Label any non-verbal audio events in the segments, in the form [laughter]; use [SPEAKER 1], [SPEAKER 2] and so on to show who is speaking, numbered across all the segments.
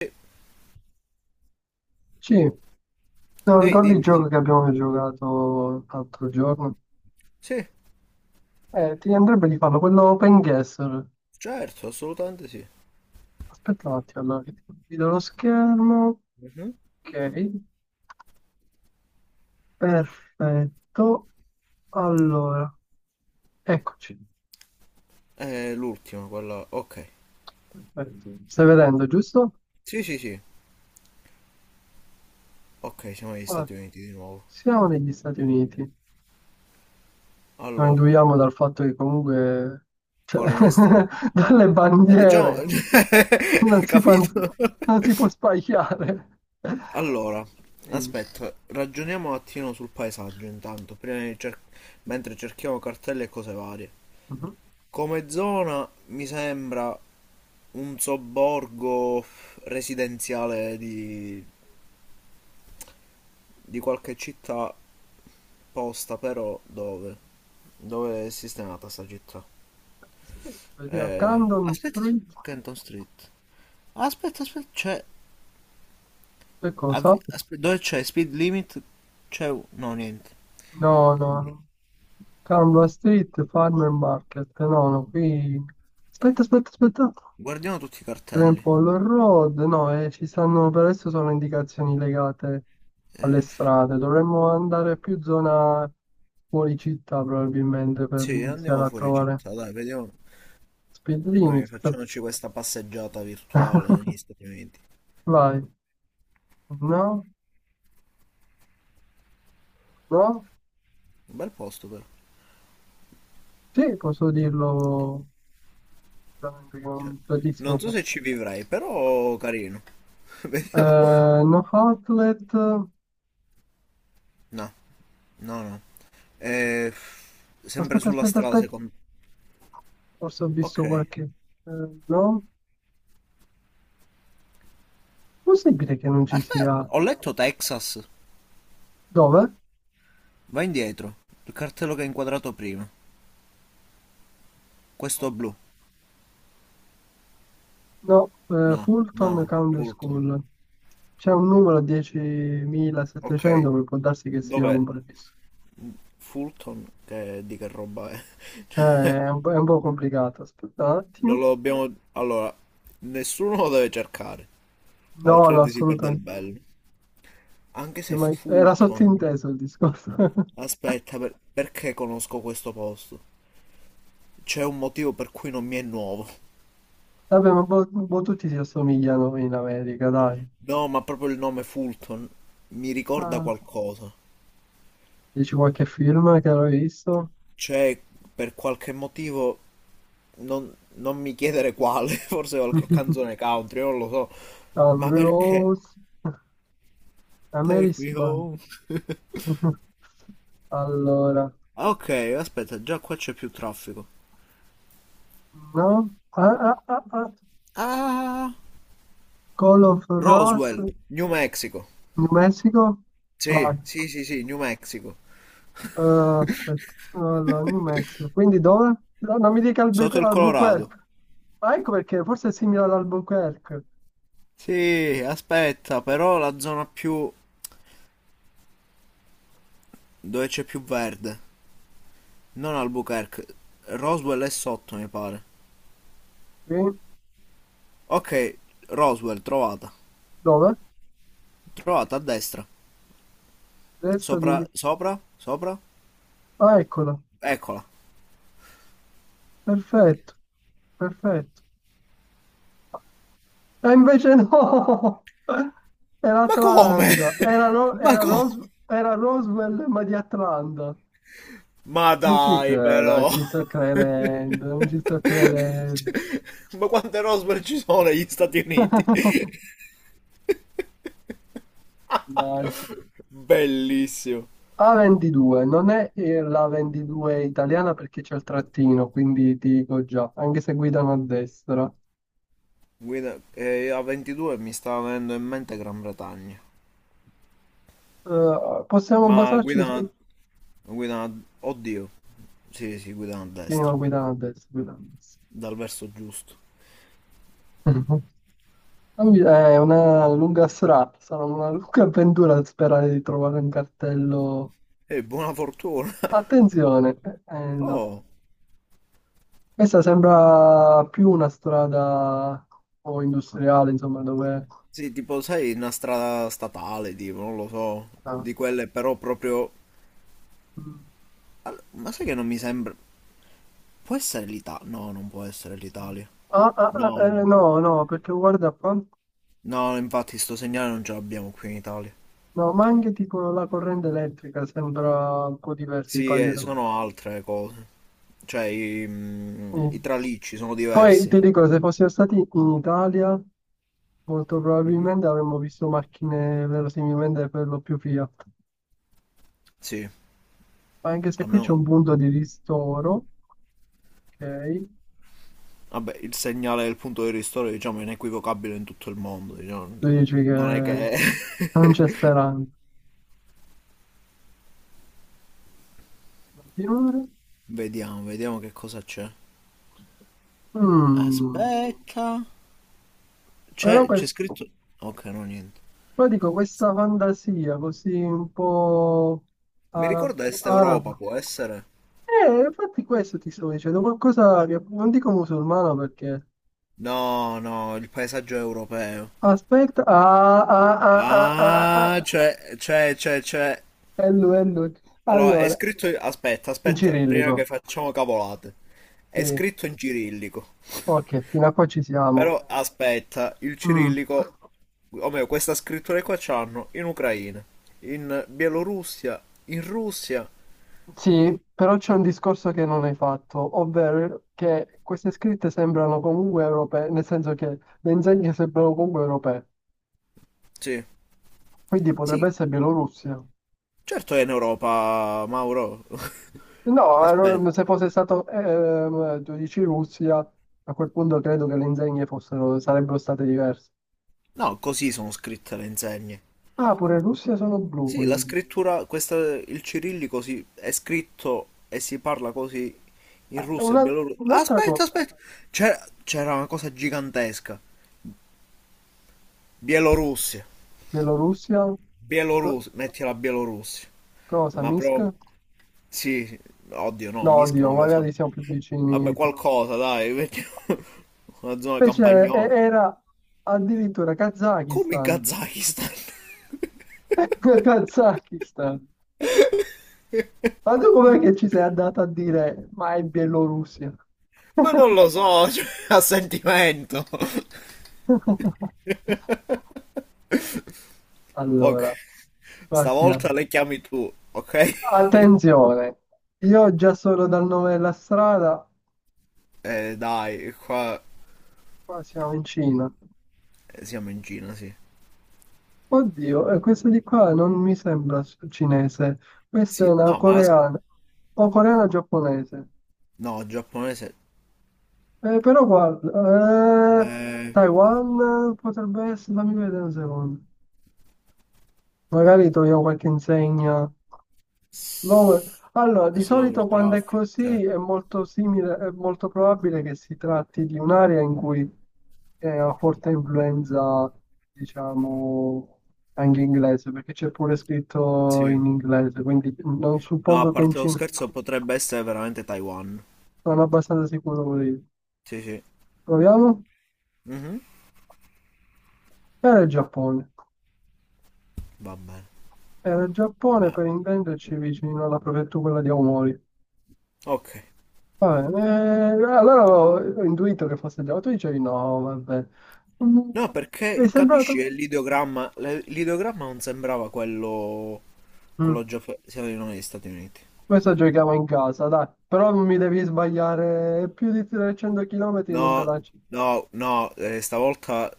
[SPEAKER 1] Sì.
[SPEAKER 2] Sì, no,
[SPEAKER 1] Ehi,
[SPEAKER 2] ricordi il
[SPEAKER 1] dimmi,
[SPEAKER 2] gioco
[SPEAKER 1] sì.
[SPEAKER 2] che abbiamo giocato l'altro giorno?
[SPEAKER 1] Sì,
[SPEAKER 2] Ti andrebbe di farlo, quello Open Guesser.
[SPEAKER 1] certo, assolutamente sì.
[SPEAKER 2] Aspetta un attimo, allora, che ti condivido lo schermo.
[SPEAKER 1] Mhm.
[SPEAKER 2] Ok, perfetto. Allora, eccoci.
[SPEAKER 1] È l'ultima, quella. Ok.
[SPEAKER 2] Perfetto. Stai vedendo, giusto?
[SPEAKER 1] Sì, sì, sì. Ok, siamo negli
[SPEAKER 2] Ora,
[SPEAKER 1] Stati Uniti di nuovo.
[SPEAKER 2] siamo negli Stati Uniti. Lo
[SPEAKER 1] Allora,
[SPEAKER 2] induiamo dal fatto che comunque, cioè,
[SPEAKER 1] Coleman Street.
[SPEAKER 2] [laughs] dalle
[SPEAKER 1] Ah, diciamo.
[SPEAKER 2] bandiere, non
[SPEAKER 1] [laughs]
[SPEAKER 2] si, pan-
[SPEAKER 1] Capito?
[SPEAKER 2] non si può sbagliare.
[SPEAKER 1] Allora,
[SPEAKER 2] Dimmi.
[SPEAKER 1] aspetta, ragioniamo un attimo sul paesaggio intanto, mentre cerchiamo cartelle e cose varie.
[SPEAKER 2] Mhm.
[SPEAKER 1] Come zona mi sembra un sobborgo residenziale di qualche città posta però dove? Dove è sistemata sta città?
[SPEAKER 2] Vediamo, Camden
[SPEAKER 1] Aspetta,
[SPEAKER 2] Street.
[SPEAKER 1] Canton Street. Aspetta, aspetta, c'è.
[SPEAKER 2] Che cosa?
[SPEAKER 1] Dove c'è Speed Limit? C'è, no, niente.
[SPEAKER 2] No, no, no. Canva Street Farmer Market. No, no, qui... Aspetta, aspetta, aspetta.
[SPEAKER 1] Guardiamo tutti i cartelli.
[SPEAKER 2] Grandpollo Road. No, ci stanno per adesso sono indicazioni legate alle
[SPEAKER 1] Eh,
[SPEAKER 2] strade. Dovremmo andare più zona fuori città probabilmente per
[SPEAKER 1] sì,
[SPEAKER 2] iniziare
[SPEAKER 1] andiamo
[SPEAKER 2] a
[SPEAKER 1] fuori
[SPEAKER 2] trovare
[SPEAKER 1] città, dai, vediamo.
[SPEAKER 2] speed
[SPEAKER 1] Noi
[SPEAKER 2] limit.
[SPEAKER 1] facciamoci questa passeggiata virtuale
[SPEAKER 2] [laughs]
[SPEAKER 1] negli Stati Uniti.
[SPEAKER 2] Vai. No? No?
[SPEAKER 1] Un bel posto però.
[SPEAKER 2] Sì, posso dirlo veramente che è un bellissimo
[SPEAKER 1] Non so se
[SPEAKER 2] posto.
[SPEAKER 1] ci vivrei, però carino. [laughs] Vediamo.
[SPEAKER 2] Eh, no Outlet.
[SPEAKER 1] No, no, no. Eh, sempre
[SPEAKER 2] Aspetta,
[SPEAKER 1] sulla
[SPEAKER 2] aspetta,
[SPEAKER 1] strada
[SPEAKER 2] aspetta.
[SPEAKER 1] secondo.
[SPEAKER 2] Forse ho visto
[SPEAKER 1] Ok,
[SPEAKER 2] qualche. eh, no, possibile che non ci
[SPEAKER 1] aspetta,
[SPEAKER 2] sia.
[SPEAKER 1] ho letto Texas.
[SPEAKER 2] Dove?
[SPEAKER 1] Va indietro. Il cartello che hai inquadrato prima. Questo
[SPEAKER 2] Ok.
[SPEAKER 1] blu.
[SPEAKER 2] No,
[SPEAKER 1] No,
[SPEAKER 2] Fulton
[SPEAKER 1] no,
[SPEAKER 2] Country
[SPEAKER 1] Fulton.
[SPEAKER 2] School. C'è un numero
[SPEAKER 1] Ok,
[SPEAKER 2] 10.700 che può darsi che sia
[SPEAKER 1] dov'è?
[SPEAKER 2] un prefisso.
[SPEAKER 1] Fulton, che, di che roba è?
[SPEAKER 2] Eh,
[SPEAKER 1] [laughs]
[SPEAKER 2] è un po' complicato. Aspetta un
[SPEAKER 1] Non
[SPEAKER 2] attimo.
[SPEAKER 1] lo dobbiamo. Allora, nessuno lo deve cercare,
[SPEAKER 2] No, no,
[SPEAKER 1] altrimenti si perde il
[SPEAKER 2] assolutamente.
[SPEAKER 1] bello. Anche se
[SPEAKER 2] Era
[SPEAKER 1] Fulton.
[SPEAKER 2] sottinteso il discorso. [laughs]
[SPEAKER 1] Aspetta, perché conosco questo posto? C'è un motivo per cui non mi è nuovo.
[SPEAKER 2] Vabbè, ma un po' tutti si assomigliano in America, dai.
[SPEAKER 1] No, ma proprio il nome Fulton mi ricorda
[SPEAKER 2] Ah.
[SPEAKER 1] qualcosa.
[SPEAKER 2] Dici qualche film che avevi visto?
[SPEAKER 1] C'è, per qualche motivo, non mi chiedere quale, [laughs] forse qualche
[SPEAKER 2] [laughs]
[SPEAKER 1] canzone country, non lo so, ma
[SPEAKER 2] Country
[SPEAKER 1] perché?
[SPEAKER 2] Roads,
[SPEAKER 1] Take
[SPEAKER 2] Amiris
[SPEAKER 1] me
[SPEAKER 2] Band.
[SPEAKER 1] home. [laughs]
[SPEAKER 2] [laughs] Allora,
[SPEAKER 1] Ah, ok, aspetta, già qua c'è più traffico.
[SPEAKER 2] no? Ah, ah, ah, ah.
[SPEAKER 1] Ah,
[SPEAKER 2] Call of Ross,
[SPEAKER 1] Roswell, New Mexico.
[SPEAKER 2] New Mexico?
[SPEAKER 1] Sì,
[SPEAKER 2] Vai,
[SPEAKER 1] sì, sì, sì, New Mexico.
[SPEAKER 2] aspetta, allora, New Mexico. Quindi dove? No, non mi dica
[SPEAKER 1] Sotto il Colorado.
[SPEAKER 2] Albuquerque. Ah, ecco perché, forse è simile ad Albuquerque.
[SPEAKER 1] Sì, aspetta, però la zona più dove c'è più verde, non Albuquerque. Roswell è sotto, mi pare.
[SPEAKER 2] Quindi,
[SPEAKER 1] Ok, Roswell, trovata.
[SPEAKER 2] dove?
[SPEAKER 1] Trovata a destra.
[SPEAKER 2] Destra,
[SPEAKER 1] Sopra,
[SPEAKER 2] dimmi.
[SPEAKER 1] sopra, sopra.
[SPEAKER 2] Ah, eccola.
[SPEAKER 1] Eccola.
[SPEAKER 2] Perfetto, perfetto. E invece no! [laughs] Era
[SPEAKER 1] Ma come?
[SPEAKER 2] Atlanta. Era,
[SPEAKER 1] [laughs] Ma come?
[SPEAKER 2] Roswell, ma di Atlanta.
[SPEAKER 1] Ma
[SPEAKER 2] Non ci
[SPEAKER 1] dai,
[SPEAKER 2] credo, non
[SPEAKER 1] però.
[SPEAKER 2] ci sto
[SPEAKER 1] [laughs]
[SPEAKER 2] credendo, non ci sto credendo.
[SPEAKER 1] Cioè, ma quante Roswell ci sono negli Stati Uniti?
[SPEAKER 2] [laughs] Mannaggia.
[SPEAKER 1] [laughs] Bellissimo.
[SPEAKER 2] A22, non è la 22 italiana perché c'è il trattino, quindi ti dico già, anche se guidano a destra.
[SPEAKER 1] Guida, a 22 mi sta venendo in mente Gran Bretagna.
[SPEAKER 2] Possiamo
[SPEAKER 1] Ma
[SPEAKER 2] basarci
[SPEAKER 1] guida,
[SPEAKER 2] su...
[SPEAKER 1] guida, oddio. Sì, sì, guida a
[SPEAKER 2] Sì,
[SPEAKER 1] destra.
[SPEAKER 2] no, guidano a destra, guidano a destra.
[SPEAKER 1] Dal verso giusto.
[SPEAKER 2] È una lunga strada, sarà una lunga avventura sperare di trovare un cartello.
[SPEAKER 1] E buona fortuna.
[SPEAKER 2] Attenzione, no.
[SPEAKER 1] Oh.
[SPEAKER 2] Questa sembra più una strada un po' industriale, insomma, dove...
[SPEAKER 1] Sì, tipo, sai, una strada statale, tipo, non lo so,
[SPEAKER 2] Ah,
[SPEAKER 1] di quelle però proprio.
[SPEAKER 2] mm.
[SPEAKER 1] Ma sai che non mi sembra. Può essere l'Italia? No, non può essere l'Italia.
[SPEAKER 2] Ah, ah, ah,
[SPEAKER 1] No,
[SPEAKER 2] eh,
[SPEAKER 1] no.
[SPEAKER 2] no, no, perché guarda qua, no,
[SPEAKER 1] No, infatti sto segnale non ce l'abbiamo qui in Italia.
[SPEAKER 2] ma anche tipo la corrente elettrica sembra un po' diversa i
[SPEAKER 1] Sì,
[SPEAKER 2] pali.
[SPEAKER 1] sono altre cose. Cioè, i tralicci sono
[SPEAKER 2] Poi
[SPEAKER 1] diversi.
[SPEAKER 2] ti dico, se fossimo stati in Italia... Molto
[SPEAKER 1] Mhm.
[SPEAKER 2] probabilmente avremmo visto macchine verosimilmente per lo più Fiat.
[SPEAKER 1] Sì,
[SPEAKER 2] Ma anche se qui c'è
[SPEAKER 1] almeno.
[SPEAKER 2] un punto di ristoro, ok?
[SPEAKER 1] Vabbè, il segnale del punto di ristoro, diciamo, è inequivocabile in tutto il mondo, diciamo.
[SPEAKER 2] Tu dici
[SPEAKER 1] Non è
[SPEAKER 2] che
[SPEAKER 1] che.
[SPEAKER 2] non c'è
[SPEAKER 1] [laughs]
[SPEAKER 2] speranza di continuare.
[SPEAKER 1] Vediamo, vediamo che cosa c'è.
[SPEAKER 2] Mm,
[SPEAKER 1] Aspetta.
[SPEAKER 2] Però
[SPEAKER 1] C'è
[SPEAKER 2] questo,
[SPEAKER 1] scritto. Ok, no, niente.
[SPEAKER 2] però dico, questa fantasia così un po'
[SPEAKER 1] Mi ricorda
[SPEAKER 2] arabo,
[SPEAKER 1] Est Europa,
[SPEAKER 2] arabo.
[SPEAKER 1] può essere?
[SPEAKER 2] Infatti questo ti sto dicendo, qualcosa che non dico musulmano perché...
[SPEAKER 1] No, no, il paesaggio europeo.
[SPEAKER 2] Aspetta, ah, ah, ah, ah, ah, ah,
[SPEAKER 1] Ah,
[SPEAKER 2] ah.
[SPEAKER 1] c'è, c'è, c'è, c'è.
[SPEAKER 2] Hello, hello.
[SPEAKER 1] Allora, è
[SPEAKER 2] Allora,
[SPEAKER 1] scritto. Aspetta,
[SPEAKER 2] in
[SPEAKER 1] aspetta, prima che
[SPEAKER 2] cirillico.
[SPEAKER 1] facciamo cavolate. È
[SPEAKER 2] Sì,
[SPEAKER 1] scritto in cirillico.
[SPEAKER 2] ok, fino a qua ci siamo.
[SPEAKER 1] Però, aspetta, il
[SPEAKER 2] Mm.
[SPEAKER 1] cirillico. O meglio, questa scrittura qua c'hanno in Ucraina, in Bielorussia, in Russia.
[SPEAKER 2] Sì, però c'è un discorso che non hai fatto, ovvero che queste scritte sembrano comunque europee, nel senso che le insegne sembrano comunque europee,
[SPEAKER 1] Sì.
[SPEAKER 2] quindi potrebbe
[SPEAKER 1] Sì,
[SPEAKER 2] essere Bielorussia.
[SPEAKER 1] certo è in Europa, Mauro. [laughs]
[SPEAKER 2] No,
[SPEAKER 1] Aspetta,
[SPEAKER 2] se fosse stato, tu dici Russia, a quel punto credo che le insegne fossero, sarebbero state diverse.
[SPEAKER 1] no, così sono scritte le insegne.
[SPEAKER 2] Ah, pure Russia sono blu,
[SPEAKER 1] Sì, la
[SPEAKER 2] quindi.
[SPEAKER 1] scrittura, questa, il cirillico si, è scritto e si parla così in
[SPEAKER 2] Ah,
[SPEAKER 1] Russia e Bielorussia.
[SPEAKER 2] Un'altra
[SPEAKER 1] Aspetta,
[SPEAKER 2] cosa.
[SPEAKER 1] aspetta, c'era una cosa gigantesca. Bielorussia,
[SPEAKER 2] Bielorussia? Co-
[SPEAKER 1] Bielorussia, metti la Bielorussia.
[SPEAKER 2] Cosa?
[SPEAKER 1] Ma
[SPEAKER 2] Minsk?
[SPEAKER 1] proprio, sì, sì. Oddio no,
[SPEAKER 2] No,
[SPEAKER 1] Minsk
[SPEAKER 2] oddio,
[SPEAKER 1] non lo
[SPEAKER 2] magari
[SPEAKER 1] so.
[SPEAKER 2] siamo più
[SPEAKER 1] Vabbè,
[SPEAKER 2] vicini.
[SPEAKER 1] qualcosa, dai, metti [laughs] una zona
[SPEAKER 2] Invece
[SPEAKER 1] campagnola.
[SPEAKER 2] era addirittura
[SPEAKER 1] Come in
[SPEAKER 2] Kazakistan.
[SPEAKER 1] Kazakistan? [laughs]
[SPEAKER 2] [laughs] Kazakistan. Ma tu com'è che ci sei andata a dire, ma è Bielorussia?
[SPEAKER 1] Ma non lo so, cioè, a sentimento. [laughs]
[SPEAKER 2] [laughs]
[SPEAKER 1] Ok.
[SPEAKER 2] Allora, qua siamo.
[SPEAKER 1] Stavolta le chiami tu, ok? [laughs]
[SPEAKER 2] Attenzione, io già solo dal nome della strada,
[SPEAKER 1] Dai, qua
[SPEAKER 2] qua siamo in Cina.
[SPEAKER 1] siamo in Cina, sì.
[SPEAKER 2] Oddio, questa di qua non mi sembra cinese, questa è
[SPEAKER 1] Sì,
[SPEAKER 2] una
[SPEAKER 1] no, ma.
[SPEAKER 2] coreana o coreana giapponese.
[SPEAKER 1] No, giapponese.
[SPEAKER 2] Però guarda,
[SPEAKER 1] Eh,
[SPEAKER 2] Taiwan potrebbe essere, fammi vedere un secondo. Magari troviamo qualche insegna. No, allora, di
[SPEAKER 1] slower
[SPEAKER 2] solito quando è
[SPEAKER 1] traffic, cioè.
[SPEAKER 2] così è molto simile, è molto probabile che si tratti di un'area in cui è una forte influenza, diciamo, anche inglese, perché c'è pure scritto
[SPEAKER 1] Sì.
[SPEAKER 2] in inglese, quindi non
[SPEAKER 1] No, a
[SPEAKER 2] suppongo che in
[SPEAKER 1] parte lo
[SPEAKER 2] Cina,
[SPEAKER 1] scherzo, potrebbe essere veramente Taiwan.
[SPEAKER 2] sono abbastanza sicuro pure io.
[SPEAKER 1] Sì, sì.
[SPEAKER 2] Proviamo?
[SPEAKER 1] Mhm.
[SPEAKER 2] Era il Giappone.
[SPEAKER 1] Va bene.
[SPEAKER 2] Era il Giappone,
[SPEAKER 1] Va-
[SPEAKER 2] per intenderci, vicino alla prefettura quella di Aomori.
[SPEAKER 1] Ok.
[SPEAKER 2] Ah, allora ho intuito che fosse Giacomo, tu dicevi no, vabbè. Mm,
[SPEAKER 1] No,
[SPEAKER 2] Mi è
[SPEAKER 1] perché, capisci, è
[SPEAKER 2] sembrato...
[SPEAKER 1] l'ideogramma. L'ideogramma non sembrava quello.
[SPEAKER 2] Mm,
[SPEAKER 1] Quello giapponese. Siamo negli Stati Uniti.
[SPEAKER 2] Questo giochiamo in casa, dai, però non mi devi sbagliare più di 300 km non te
[SPEAKER 1] No,
[SPEAKER 2] la...
[SPEAKER 1] no, no, stavolta,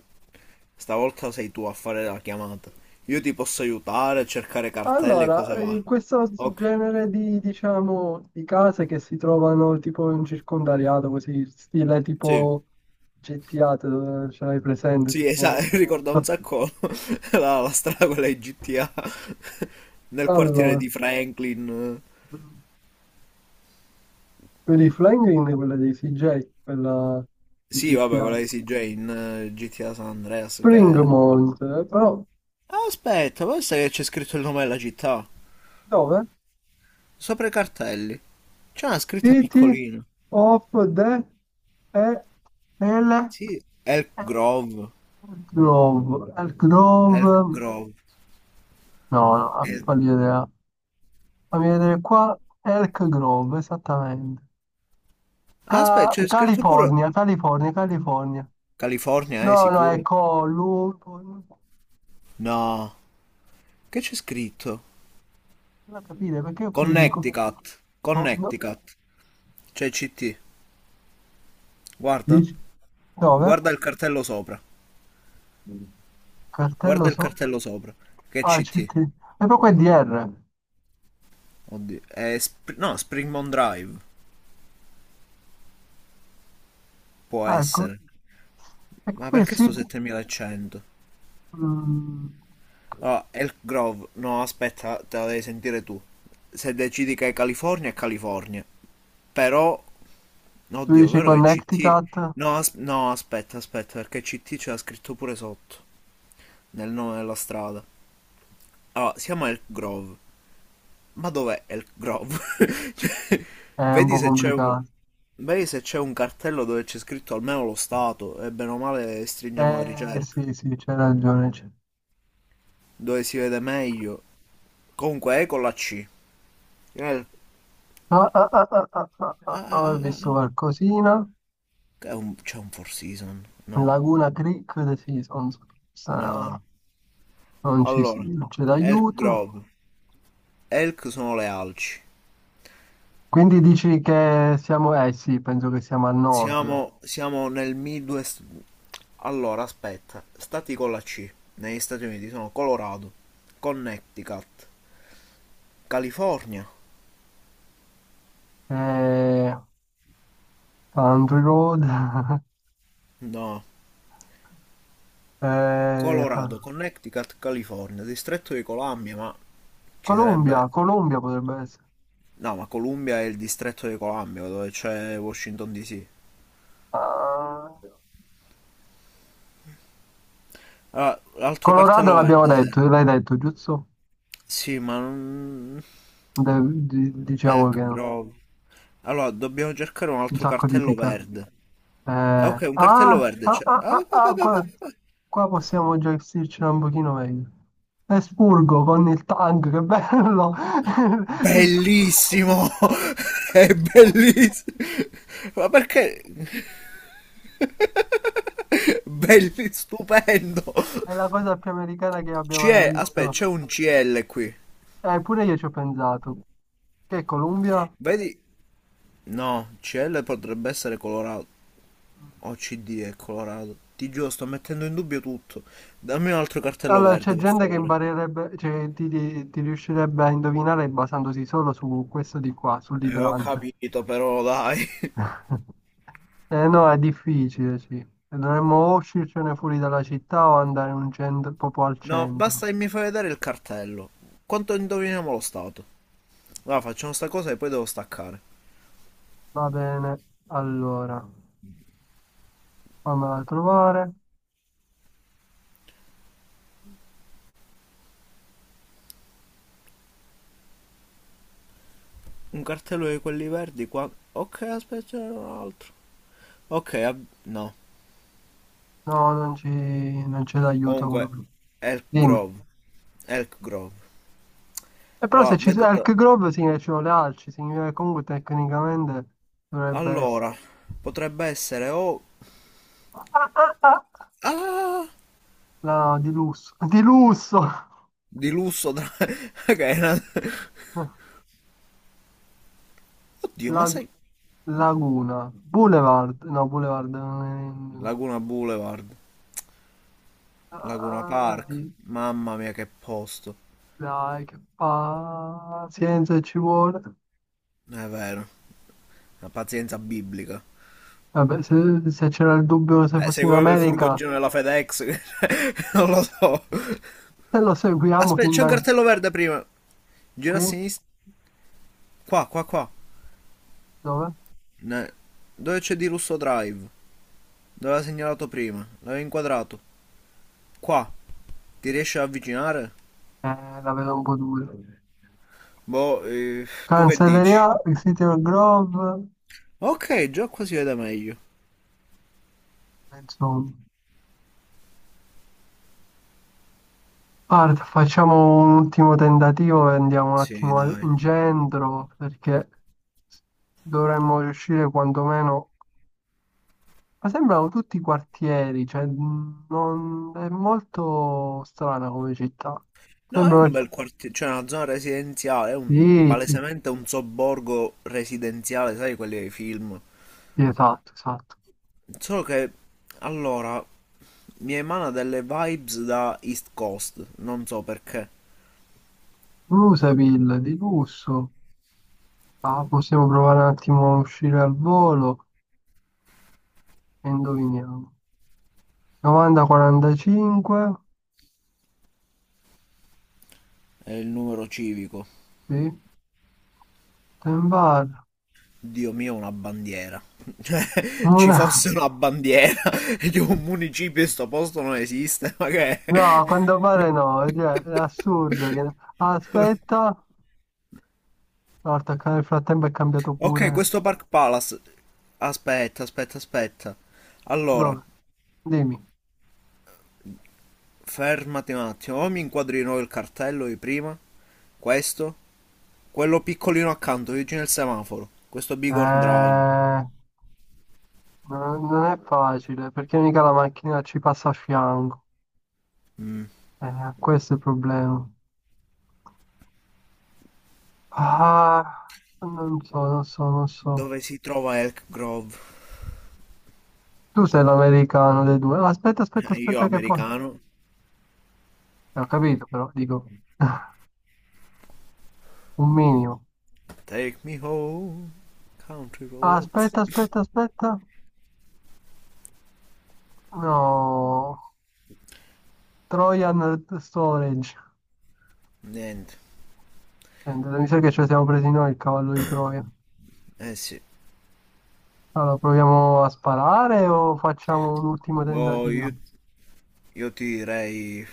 [SPEAKER 1] stavolta sei tu a fare la chiamata. Io ti posso aiutare a cercare cartelle e
[SPEAKER 2] Allora,
[SPEAKER 1] cose varie.
[SPEAKER 2] questo
[SPEAKER 1] Ok,
[SPEAKER 2] genere di, diciamo, di case che si trovano tipo in circondariato, così, stile
[SPEAKER 1] sì,
[SPEAKER 2] tipo GTA, ce l'hai presente,
[SPEAKER 1] sì,
[SPEAKER 2] tipo...
[SPEAKER 1] esatto, [laughs] ricorda un sacco [laughs] la strada quella di GTA [laughs] nel quartiere
[SPEAKER 2] Allora...
[SPEAKER 1] di Franklin.
[SPEAKER 2] Vedi Flying Ring è quella dei CJ, quella di
[SPEAKER 1] Sì, vabbè, quella
[SPEAKER 2] GTA.
[SPEAKER 1] di CJ in GTA San Andreas, che era.
[SPEAKER 2] Springmont, però
[SPEAKER 1] Ah, aspetta, pensa che c'è scritto il nome della città.
[SPEAKER 2] dove?
[SPEAKER 1] Sopra i cartelli. C'è una scritta
[SPEAKER 2] City
[SPEAKER 1] piccolina.
[SPEAKER 2] of the e el
[SPEAKER 1] Sì, Elk
[SPEAKER 2] el-
[SPEAKER 1] Grove.
[SPEAKER 2] Grove, Elk
[SPEAKER 1] Elk
[SPEAKER 2] Grove,
[SPEAKER 1] Grove.
[SPEAKER 2] no, no,
[SPEAKER 1] Eh,
[SPEAKER 2] fammi vedere qua, Elk Grove, esattamente.
[SPEAKER 1] Aspetta, c'è scritto pure
[SPEAKER 2] California, California, California.
[SPEAKER 1] California,
[SPEAKER 2] No, no, è
[SPEAKER 1] sicuro? No, che c'è scritto?
[SPEAKER 2] Non a capire perché ho questi
[SPEAKER 1] Connecticut,
[SPEAKER 2] no.
[SPEAKER 1] Connecticut, c'è CT. Guarda,
[SPEAKER 2] 10, 9,
[SPEAKER 1] guarda il cartello sopra, guarda
[SPEAKER 2] cartello
[SPEAKER 1] il cartello sopra, che
[SPEAKER 2] ah, CT,
[SPEAKER 1] CT.
[SPEAKER 2] e poi qua è DR,
[SPEAKER 1] Oddio, è no, Springmont Drive, può
[SPEAKER 2] ah, ecco,
[SPEAKER 1] essere.
[SPEAKER 2] e
[SPEAKER 1] Ma
[SPEAKER 2] qui
[SPEAKER 1] perché
[SPEAKER 2] sì,
[SPEAKER 1] sto 7100?
[SPEAKER 2] mm,
[SPEAKER 1] Ah, Elk Grove, no, aspetta, te la devi sentire tu. Se decidi che è California, è California. Però
[SPEAKER 2] tu
[SPEAKER 1] oddio,
[SPEAKER 2] dici
[SPEAKER 1] vero che CT.
[SPEAKER 2] Connecticut,
[SPEAKER 1] No, no, aspetta, aspetta, perché CT c'era scritto pure sotto, nel nome della strada. Allora, siamo a Elk Grove. Ma dov'è Elk Grove? [laughs] Cioè,
[SPEAKER 2] è un
[SPEAKER 1] vedi
[SPEAKER 2] po'
[SPEAKER 1] se c'è un.
[SPEAKER 2] complicato,
[SPEAKER 1] Vedi se c'è un cartello dove c'è scritto almeno lo stato, e bene o male stringiamo la
[SPEAKER 2] eh
[SPEAKER 1] ricerca.
[SPEAKER 2] sì, sì, c'hai ragione,
[SPEAKER 1] Dove si vede meglio. Comunque è con la C. El-
[SPEAKER 2] ah, ah, ah, ah, ah, ah, ah, ah,
[SPEAKER 1] Ah,
[SPEAKER 2] ah,
[SPEAKER 1] ah,
[SPEAKER 2] ho
[SPEAKER 1] ah, ah.
[SPEAKER 2] visto
[SPEAKER 1] Ah.
[SPEAKER 2] qualcosina,
[SPEAKER 1] È un. C'è un Four Season? No.
[SPEAKER 2] Laguna Creek, sì,
[SPEAKER 1] No.
[SPEAKER 2] sa- non
[SPEAKER 1] Allora,
[SPEAKER 2] non c'è
[SPEAKER 1] Elk
[SPEAKER 2] d'aiuto,
[SPEAKER 1] Grove. Elk sono le alci.
[SPEAKER 2] quindi dici che siamo, eh sì, penso che siamo al nord,
[SPEAKER 1] Siamo nel Midwest. Allora, aspetta, stati con la C negli Stati Uniti sono Colorado, Connecticut, California.
[SPEAKER 2] eh, Country Road, [laughs]
[SPEAKER 1] No,
[SPEAKER 2] Eh,
[SPEAKER 1] Colorado, Connecticut, California, distretto di Columbia, ma ci sarebbe.
[SPEAKER 2] Colombia, Colombia potrebbe essere.
[SPEAKER 1] No, ma Columbia è il distretto di Columbia, dove c'è Washington DC.
[SPEAKER 2] Ah,
[SPEAKER 1] Allora, l'altro
[SPEAKER 2] Colorado
[SPEAKER 1] cartello
[SPEAKER 2] l'abbiamo
[SPEAKER 1] verde serve.
[SPEAKER 2] detto, l'hai detto, giusto?
[SPEAKER 1] Sì, ma non.
[SPEAKER 2] De- diciamo
[SPEAKER 1] Elk
[SPEAKER 2] che no.
[SPEAKER 1] Grove. Allora, dobbiamo cercare un
[SPEAKER 2] Un
[SPEAKER 1] altro
[SPEAKER 2] sacco di
[SPEAKER 1] cartello
[SPEAKER 2] pica.
[SPEAKER 1] verde.
[SPEAKER 2] Eh,
[SPEAKER 1] Ah,
[SPEAKER 2] ah,
[SPEAKER 1] ok, un cartello
[SPEAKER 2] ah,
[SPEAKER 1] verde c'è.
[SPEAKER 2] ah,
[SPEAKER 1] Ah,
[SPEAKER 2] ah,
[SPEAKER 1] va, va,
[SPEAKER 2] ah,
[SPEAKER 1] va, va,
[SPEAKER 2] qua,
[SPEAKER 1] va.
[SPEAKER 2] qua possiamo già gestircela un pochino meglio. Esburgo con il tank, che bello! [laughs] Il tank.
[SPEAKER 1] Bellissimo! [laughs] È bellissimo! Ma perché? [laughs] Belli, stupendo!
[SPEAKER 2] È la cosa più americana che abbia mai
[SPEAKER 1] C'è, aspetta,
[SPEAKER 2] visto.
[SPEAKER 1] c'è un CL qui.
[SPEAKER 2] Eppure io ci ho pensato. Che è Colombia?
[SPEAKER 1] Vedi? No, CL potrebbe essere colorato. O CD è colorato. Ti giuro, sto mettendo in dubbio tutto. Dammi un altro cartello
[SPEAKER 2] Allora, c'è
[SPEAKER 1] verde, per
[SPEAKER 2] gente che
[SPEAKER 1] favore.
[SPEAKER 2] imparerebbe, cioè, ti riuscirebbe a indovinare basandosi solo su questo di qua,
[SPEAKER 1] Ho
[SPEAKER 2] sull'idrante.
[SPEAKER 1] capito, però dai. [laughs]
[SPEAKER 2] [laughs] Eh no, è difficile, sì. E dovremmo o uscircene fuori dalla città o andare in un centro, proprio al
[SPEAKER 1] No,
[SPEAKER 2] centro.
[SPEAKER 1] basta che mi fai vedere il cartello. Quanto indoviniamo lo stato? Allora facciamo sta cosa e poi devo staccare.
[SPEAKER 2] Va bene, allora, fammela trovare.
[SPEAKER 1] Un cartello di quelli verdi qua. Ok, aspetta, c'era un altro. Ok, no.
[SPEAKER 2] No, non c'è d'aiuto uno
[SPEAKER 1] Comunque,
[SPEAKER 2] più.
[SPEAKER 1] Elk
[SPEAKER 2] Dimmi.
[SPEAKER 1] Grove. Elk Grove.
[SPEAKER 2] E però
[SPEAKER 1] Allora,
[SPEAKER 2] se ci sono
[SPEAKER 1] vedo.
[SPEAKER 2] Elk Grove significa che ci sono le alci, significa che comunque tecnicamente dovrebbe essere...
[SPEAKER 1] Allora, potrebbe essere o.
[SPEAKER 2] Ah, ah, ah!
[SPEAKER 1] Ah!
[SPEAKER 2] La di lusso, di lusso!
[SPEAKER 1] Di lusso. Tra. [laughs] Ok, una.
[SPEAKER 2] [laughs]
[SPEAKER 1] Oddio, ma
[SPEAKER 2] La-
[SPEAKER 1] sai.
[SPEAKER 2] Laguna, Boulevard, no, Boulevard non è...
[SPEAKER 1] Laguna Boulevard. Laguna
[SPEAKER 2] Ah,
[SPEAKER 1] Park. Mamma mia, che posto.
[SPEAKER 2] dai, che pazienza ci vuole.
[SPEAKER 1] È vero. La pazienza biblica.
[SPEAKER 2] Vabbè, se c'era il dubbio se fossi in
[SPEAKER 1] Seguiamo il
[SPEAKER 2] America,
[SPEAKER 1] furgoncino della FedEx. [laughs] Non lo so.
[SPEAKER 2] se lo seguiamo
[SPEAKER 1] Aspetta,
[SPEAKER 2] fin
[SPEAKER 1] c'è un
[SPEAKER 2] da
[SPEAKER 1] cartello verde prima. Gira a
[SPEAKER 2] qui,
[SPEAKER 1] sinistra. Qua, qua, qua.
[SPEAKER 2] dove?
[SPEAKER 1] Ne- Dove c'è di Russo Drive? Dove l'ha segnalato prima? L'aveva inquadrato. Qua. Ti riesci ad avvicinare?
[SPEAKER 2] La vedo un po' dura.
[SPEAKER 1] Boh, tu che dici?
[SPEAKER 2] Cancelleria, Cedar Grove,
[SPEAKER 1] Ok, già qua si vede meglio.
[SPEAKER 2] insomma. Guarda, facciamo un ultimo tentativo e andiamo un
[SPEAKER 1] Sì,
[SPEAKER 2] attimo
[SPEAKER 1] dai.
[SPEAKER 2] in centro, perché... dovremmo riuscire quantomeno... Ma sembrano tutti quartieri, cioè non... è molto strana come città.
[SPEAKER 1] No, è
[SPEAKER 2] Sembrano...
[SPEAKER 1] un bel quartiere, cioè una zona residenziale, è un,
[SPEAKER 2] Sì, sì,
[SPEAKER 1] palesemente un sobborgo residenziale, sai, quelli dei film.
[SPEAKER 2] sì, esatto, esatto.
[SPEAKER 1] Solo che, allora, mi emana delle vibes da East Coast, non so perché.
[SPEAKER 2] Bluseville, di lusso. Ah, possiamo provare un attimo a uscire al volo e indoviniamo. 90-45,
[SPEAKER 1] È il numero civico.
[SPEAKER 2] sì, Ten Bar.
[SPEAKER 1] Dio mio, una bandiera. Cioè, [laughs] ci
[SPEAKER 2] Una...
[SPEAKER 1] fosse una bandiera [laughs] di un municipio in sto posto non esiste, ma che
[SPEAKER 2] No,
[SPEAKER 1] è?
[SPEAKER 2] a quanto pare no, cioè, è
[SPEAKER 1] [laughs]
[SPEAKER 2] assurdo che... Aspetta, no, il frattempo è cambiato
[SPEAKER 1] Ok,
[SPEAKER 2] pure.
[SPEAKER 1] questo Park Palace. Aspetta, aspetta, aspetta. Allora,
[SPEAKER 2] Dove? Dimmi.
[SPEAKER 1] fermati un attimo. O mi inquadri di nuovo il cartello di prima. Questo. Quello piccolino accanto, vicino al semaforo. Questo Bighorn Drive.
[SPEAKER 2] Eh, Non è facile perché mica la macchina ci passa a fianco. Questo è il problema. Ah, non so, non so, non so.
[SPEAKER 1] Dove si trova Elk Grove?
[SPEAKER 2] Tu sei l'americano dei due. Ah, aspetta, aspetta,
[SPEAKER 1] [laughs] Io
[SPEAKER 2] aspetta che poi...
[SPEAKER 1] americano.
[SPEAKER 2] Ho capito, però dico [laughs] un minimo.
[SPEAKER 1] Take me home, country
[SPEAKER 2] Ah,
[SPEAKER 1] road.
[SPEAKER 2] aspetta, aspetta, aspetta. No, Trojan Storage.
[SPEAKER 1] Niente.
[SPEAKER 2] Mi sa che ci siamo presi noi il cavallo di Troia.
[SPEAKER 1] Eh sì.
[SPEAKER 2] Allora, proviamo a sparare o facciamo un ultimo
[SPEAKER 1] Boh, io,
[SPEAKER 2] tentativo?
[SPEAKER 1] io ti direi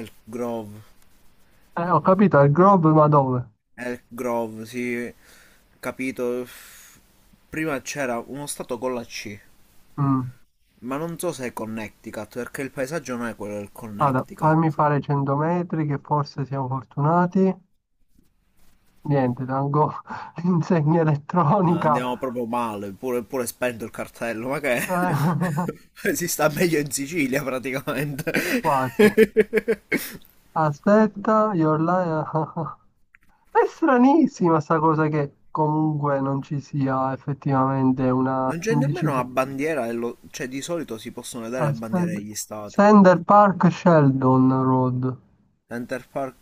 [SPEAKER 1] Elk Grove.
[SPEAKER 2] Ho capito, al grob, ma dove?
[SPEAKER 1] Elk Grove, sì. Capito. Prima c'era uno stato con la C.
[SPEAKER 2] Mm.
[SPEAKER 1] Ma non so se è Connecticut, perché il paesaggio non è quello del
[SPEAKER 2] Guarda,
[SPEAKER 1] Connecticut.
[SPEAKER 2] fammi fare 100 metri, che forse siamo fortunati. Niente, tengo [laughs] l'insegna
[SPEAKER 1] Ma
[SPEAKER 2] elettronica.
[SPEAKER 1] andiamo proprio male, pure, pure spento il cartello, ma che è?
[SPEAKER 2] Eh, [laughs]
[SPEAKER 1] [laughs] Si sta meglio in Sicilia praticamente. [laughs]
[SPEAKER 2] Quasi. Aspetta, [laughs] è stranissima sta cosa che comunque non ci sia effettivamente una
[SPEAKER 1] Non c'è nemmeno una
[SPEAKER 2] indicizia.
[SPEAKER 1] bandiera, cioè di solito si possono vedere le bandiere
[SPEAKER 2] Aspetta.
[SPEAKER 1] degli stati.
[SPEAKER 2] Center Park Sheldon Road.
[SPEAKER 1] Center Park,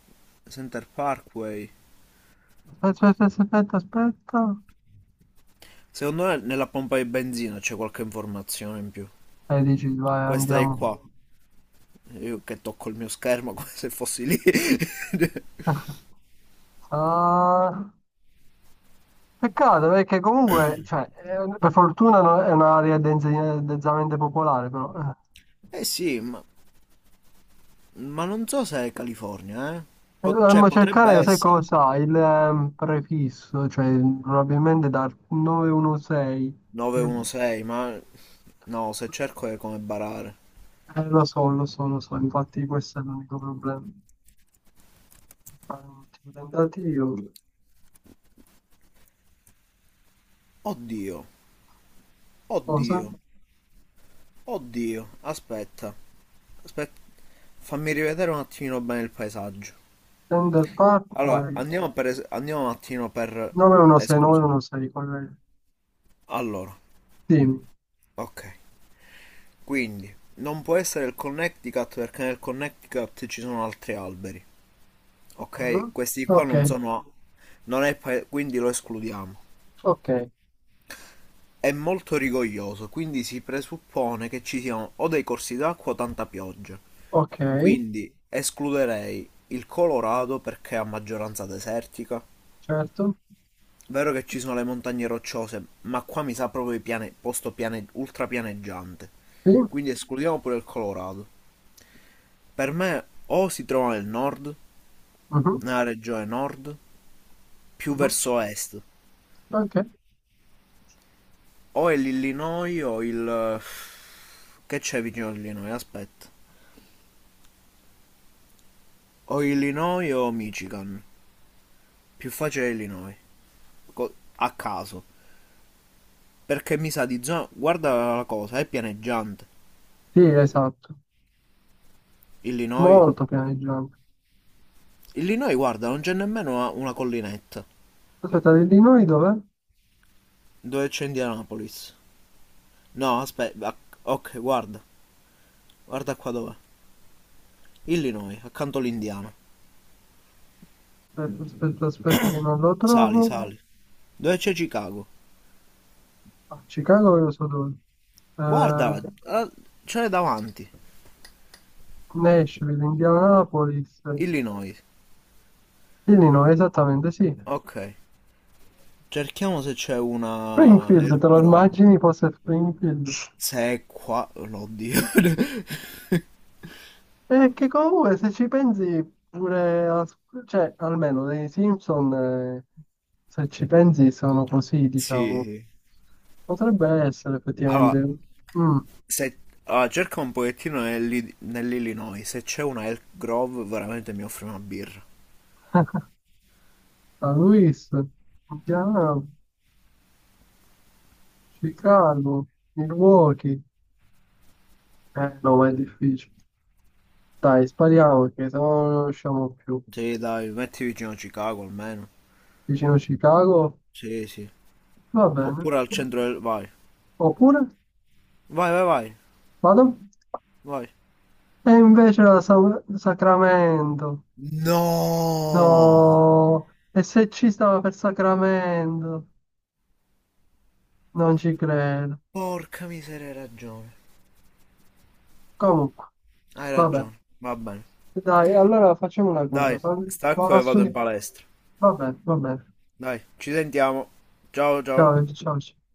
[SPEAKER 1] Center Parkway.
[SPEAKER 2] Aspetta, aspetta, aspetta, aspetta.
[SPEAKER 1] Secondo me nella pompa di benzina c'è qualche informazione in più.
[SPEAKER 2] E dici, vai,
[SPEAKER 1] Questa è
[SPEAKER 2] andiamo.
[SPEAKER 1] qua. Io che tocco il mio schermo come se fossi lì. [laughs]
[SPEAKER 2] Ah, peccato perché comunque, cioè, è un- per fortuna no- è un'area dense- densamente popolare, però. Eh.
[SPEAKER 1] Eh sì, ma non so se è California, eh?
[SPEAKER 2] E
[SPEAKER 1] Cioè
[SPEAKER 2] dovremmo
[SPEAKER 1] potrebbe
[SPEAKER 2] cercare, sai
[SPEAKER 1] essere.
[SPEAKER 2] cosa? Il prefisso, cioè probabilmente dal 916. che-
[SPEAKER 1] 916, ma no, se cerco è come barare.
[SPEAKER 2] Lo so, lo so, lo so, infatti questo è l'unico problema. Fare un ultimo tentativo.
[SPEAKER 1] Oddio,
[SPEAKER 2] Cosa?
[SPEAKER 1] oddio, oddio, aspetta, aspetta, fammi rivedere un attimino bene il paesaggio.
[SPEAKER 2] Center
[SPEAKER 1] Allora,
[SPEAKER 2] Parkway
[SPEAKER 1] andiamo, andiamo un attimo per
[SPEAKER 2] 916,
[SPEAKER 1] esclusione.
[SPEAKER 2] 916, corretto.
[SPEAKER 1] Allora,
[SPEAKER 2] Sì.
[SPEAKER 1] ok, quindi non può essere il Connecticut perché nel Connecticut ci sono altri alberi, ok?
[SPEAKER 2] Mm,
[SPEAKER 1] Questi qua
[SPEAKER 2] ok,
[SPEAKER 1] non sono, non è quindi lo escludiamo.
[SPEAKER 2] ok,
[SPEAKER 1] È molto rigoglioso, quindi si presuppone che ci siano o dei corsi d'acqua o tanta pioggia.
[SPEAKER 2] ok,
[SPEAKER 1] Quindi escluderei il Colorado perché è a maggioranza desertica.
[SPEAKER 2] certo.
[SPEAKER 1] Vero che ci sono le montagne rocciose, ma qua mi sa proprio il piane, posto piane, ultrapianeggiante.
[SPEAKER 2] Sì,
[SPEAKER 1] Quindi escludiamo pure il Colorado. Per me o si trova nel nord,
[SPEAKER 2] mhm,
[SPEAKER 1] nella regione nord, più
[SPEAKER 2] mhm,
[SPEAKER 1] verso est.
[SPEAKER 2] ok.
[SPEAKER 1] O è l'Illinois o il. Che c'è vicino all'Illinois? Aspetta. O Illinois o Michigan. Più facile è Illinois. A caso. Perché mi sa di zona. Guarda la cosa, è pianeggiante.
[SPEAKER 2] Sì, esatto.
[SPEAKER 1] Illinois.
[SPEAKER 2] Molto pianeggiante.
[SPEAKER 1] Illinois, guarda, non c'è nemmeno una collinetta.
[SPEAKER 2] Aspetta, di noi dov'è?
[SPEAKER 1] Dove c'è Indianapolis? No, aspetta. Ok, guarda. Guarda qua dov'è. Illinois, accanto all'Indiana.
[SPEAKER 2] Aspetta, aspetta, aspetta che non lo
[SPEAKER 1] Sali,
[SPEAKER 2] trovo.
[SPEAKER 1] sali. Dove c'è Chicago?
[SPEAKER 2] Ah, Chicago io so dove.
[SPEAKER 1] Guarda,
[SPEAKER 2] Eh,
[SPEAKER 1] ah, c'è davanti.
[SPEAKER 2] Nashville, Indianapolis.
[SPEAKER 1] Illinois.
[SPEAKER 2] Illinois, esattamente, sì.
[SPEAKER 1] Ok. Cerchiamo se c'è una
[SPEAKER 2] Springfield,
[SPEAKER 1] Elk
[SPEAKER 2] te lo
[SPEAKER 1] Grove.
[SPEAKER 2] immagini fosse Springfield?
[SPEAKER 1] Se è qua, oh, no, oddio. [laughs]
[SPEAKER 2] Perché comunque se ci pensi pure, cioè almeno dei Simpson, se ci pensi sono così,
[SPEAKER 1] Sì,
[SPEAKER 2] diciamo.
[SPEAKER 1] sì.
[SPEAKER 2] Potrebbe essere effettivamente.
[SPEAKER 1] Allora,
[SPEAKER 2] Mm.
[SPEAKER 1] se. Allora, cerca un pochettino nell'Illinois. Se c'è una Elk Grove, veramente mi offre una birra.
[SPEAKER 2] [laughs] San Luis, Milano, Chicago, Milwaukee. No, ma è difficile. Dai, spariamo perché se no non riusciamo più.
[SPEAKER 1] Sì, dai, metti vicino a Chicago almeno.
[SPEAKER 2] Vicino Chicago,
[SPEAKER 1] Sì, sì.
[SPEAKER 2] va bene.
[SPEAKER 1] Oppure al centro del. Vai.
[SPEAKER 2] Oppure,
[SPEAKER 1] Vai, vai, vai.
[SPEAKER 2] vado.
[SPEAKER 1] Vai.
[SPEAKER 2] E invece la Sacramento.
[SPEAKER 1] No!
[SPEAKER 2] No, e se ci stava per Sacramento? Non ci credo.
[SPEAKER 1] Porca miseria, hai ragione.
[SPEAKER 2] Comunque,
[SPEAKER 1] Hai
[SPEAKER 2] vabbè.
[SPEAKER 1] ragione. Va bene.
[SPEAKER 2] Dai, allora facciamo una
[SPEAKER 1] Dai,
[SPEAKER 2] cosa. Vado
[SPEAKER 1] stacco
[SPEAKER 2] a
[SPEAKER 1] e vado in
[SPEAKER 2] studiare.
[SPEAKER 1] palestra.
[SPEAKER 2] Vabbè, vabbè.
[SPEAKER 1] Dai, ci sentiamo. Ciao, ciao.
[SPEAKER 2] Ciao, ciao. Ciao.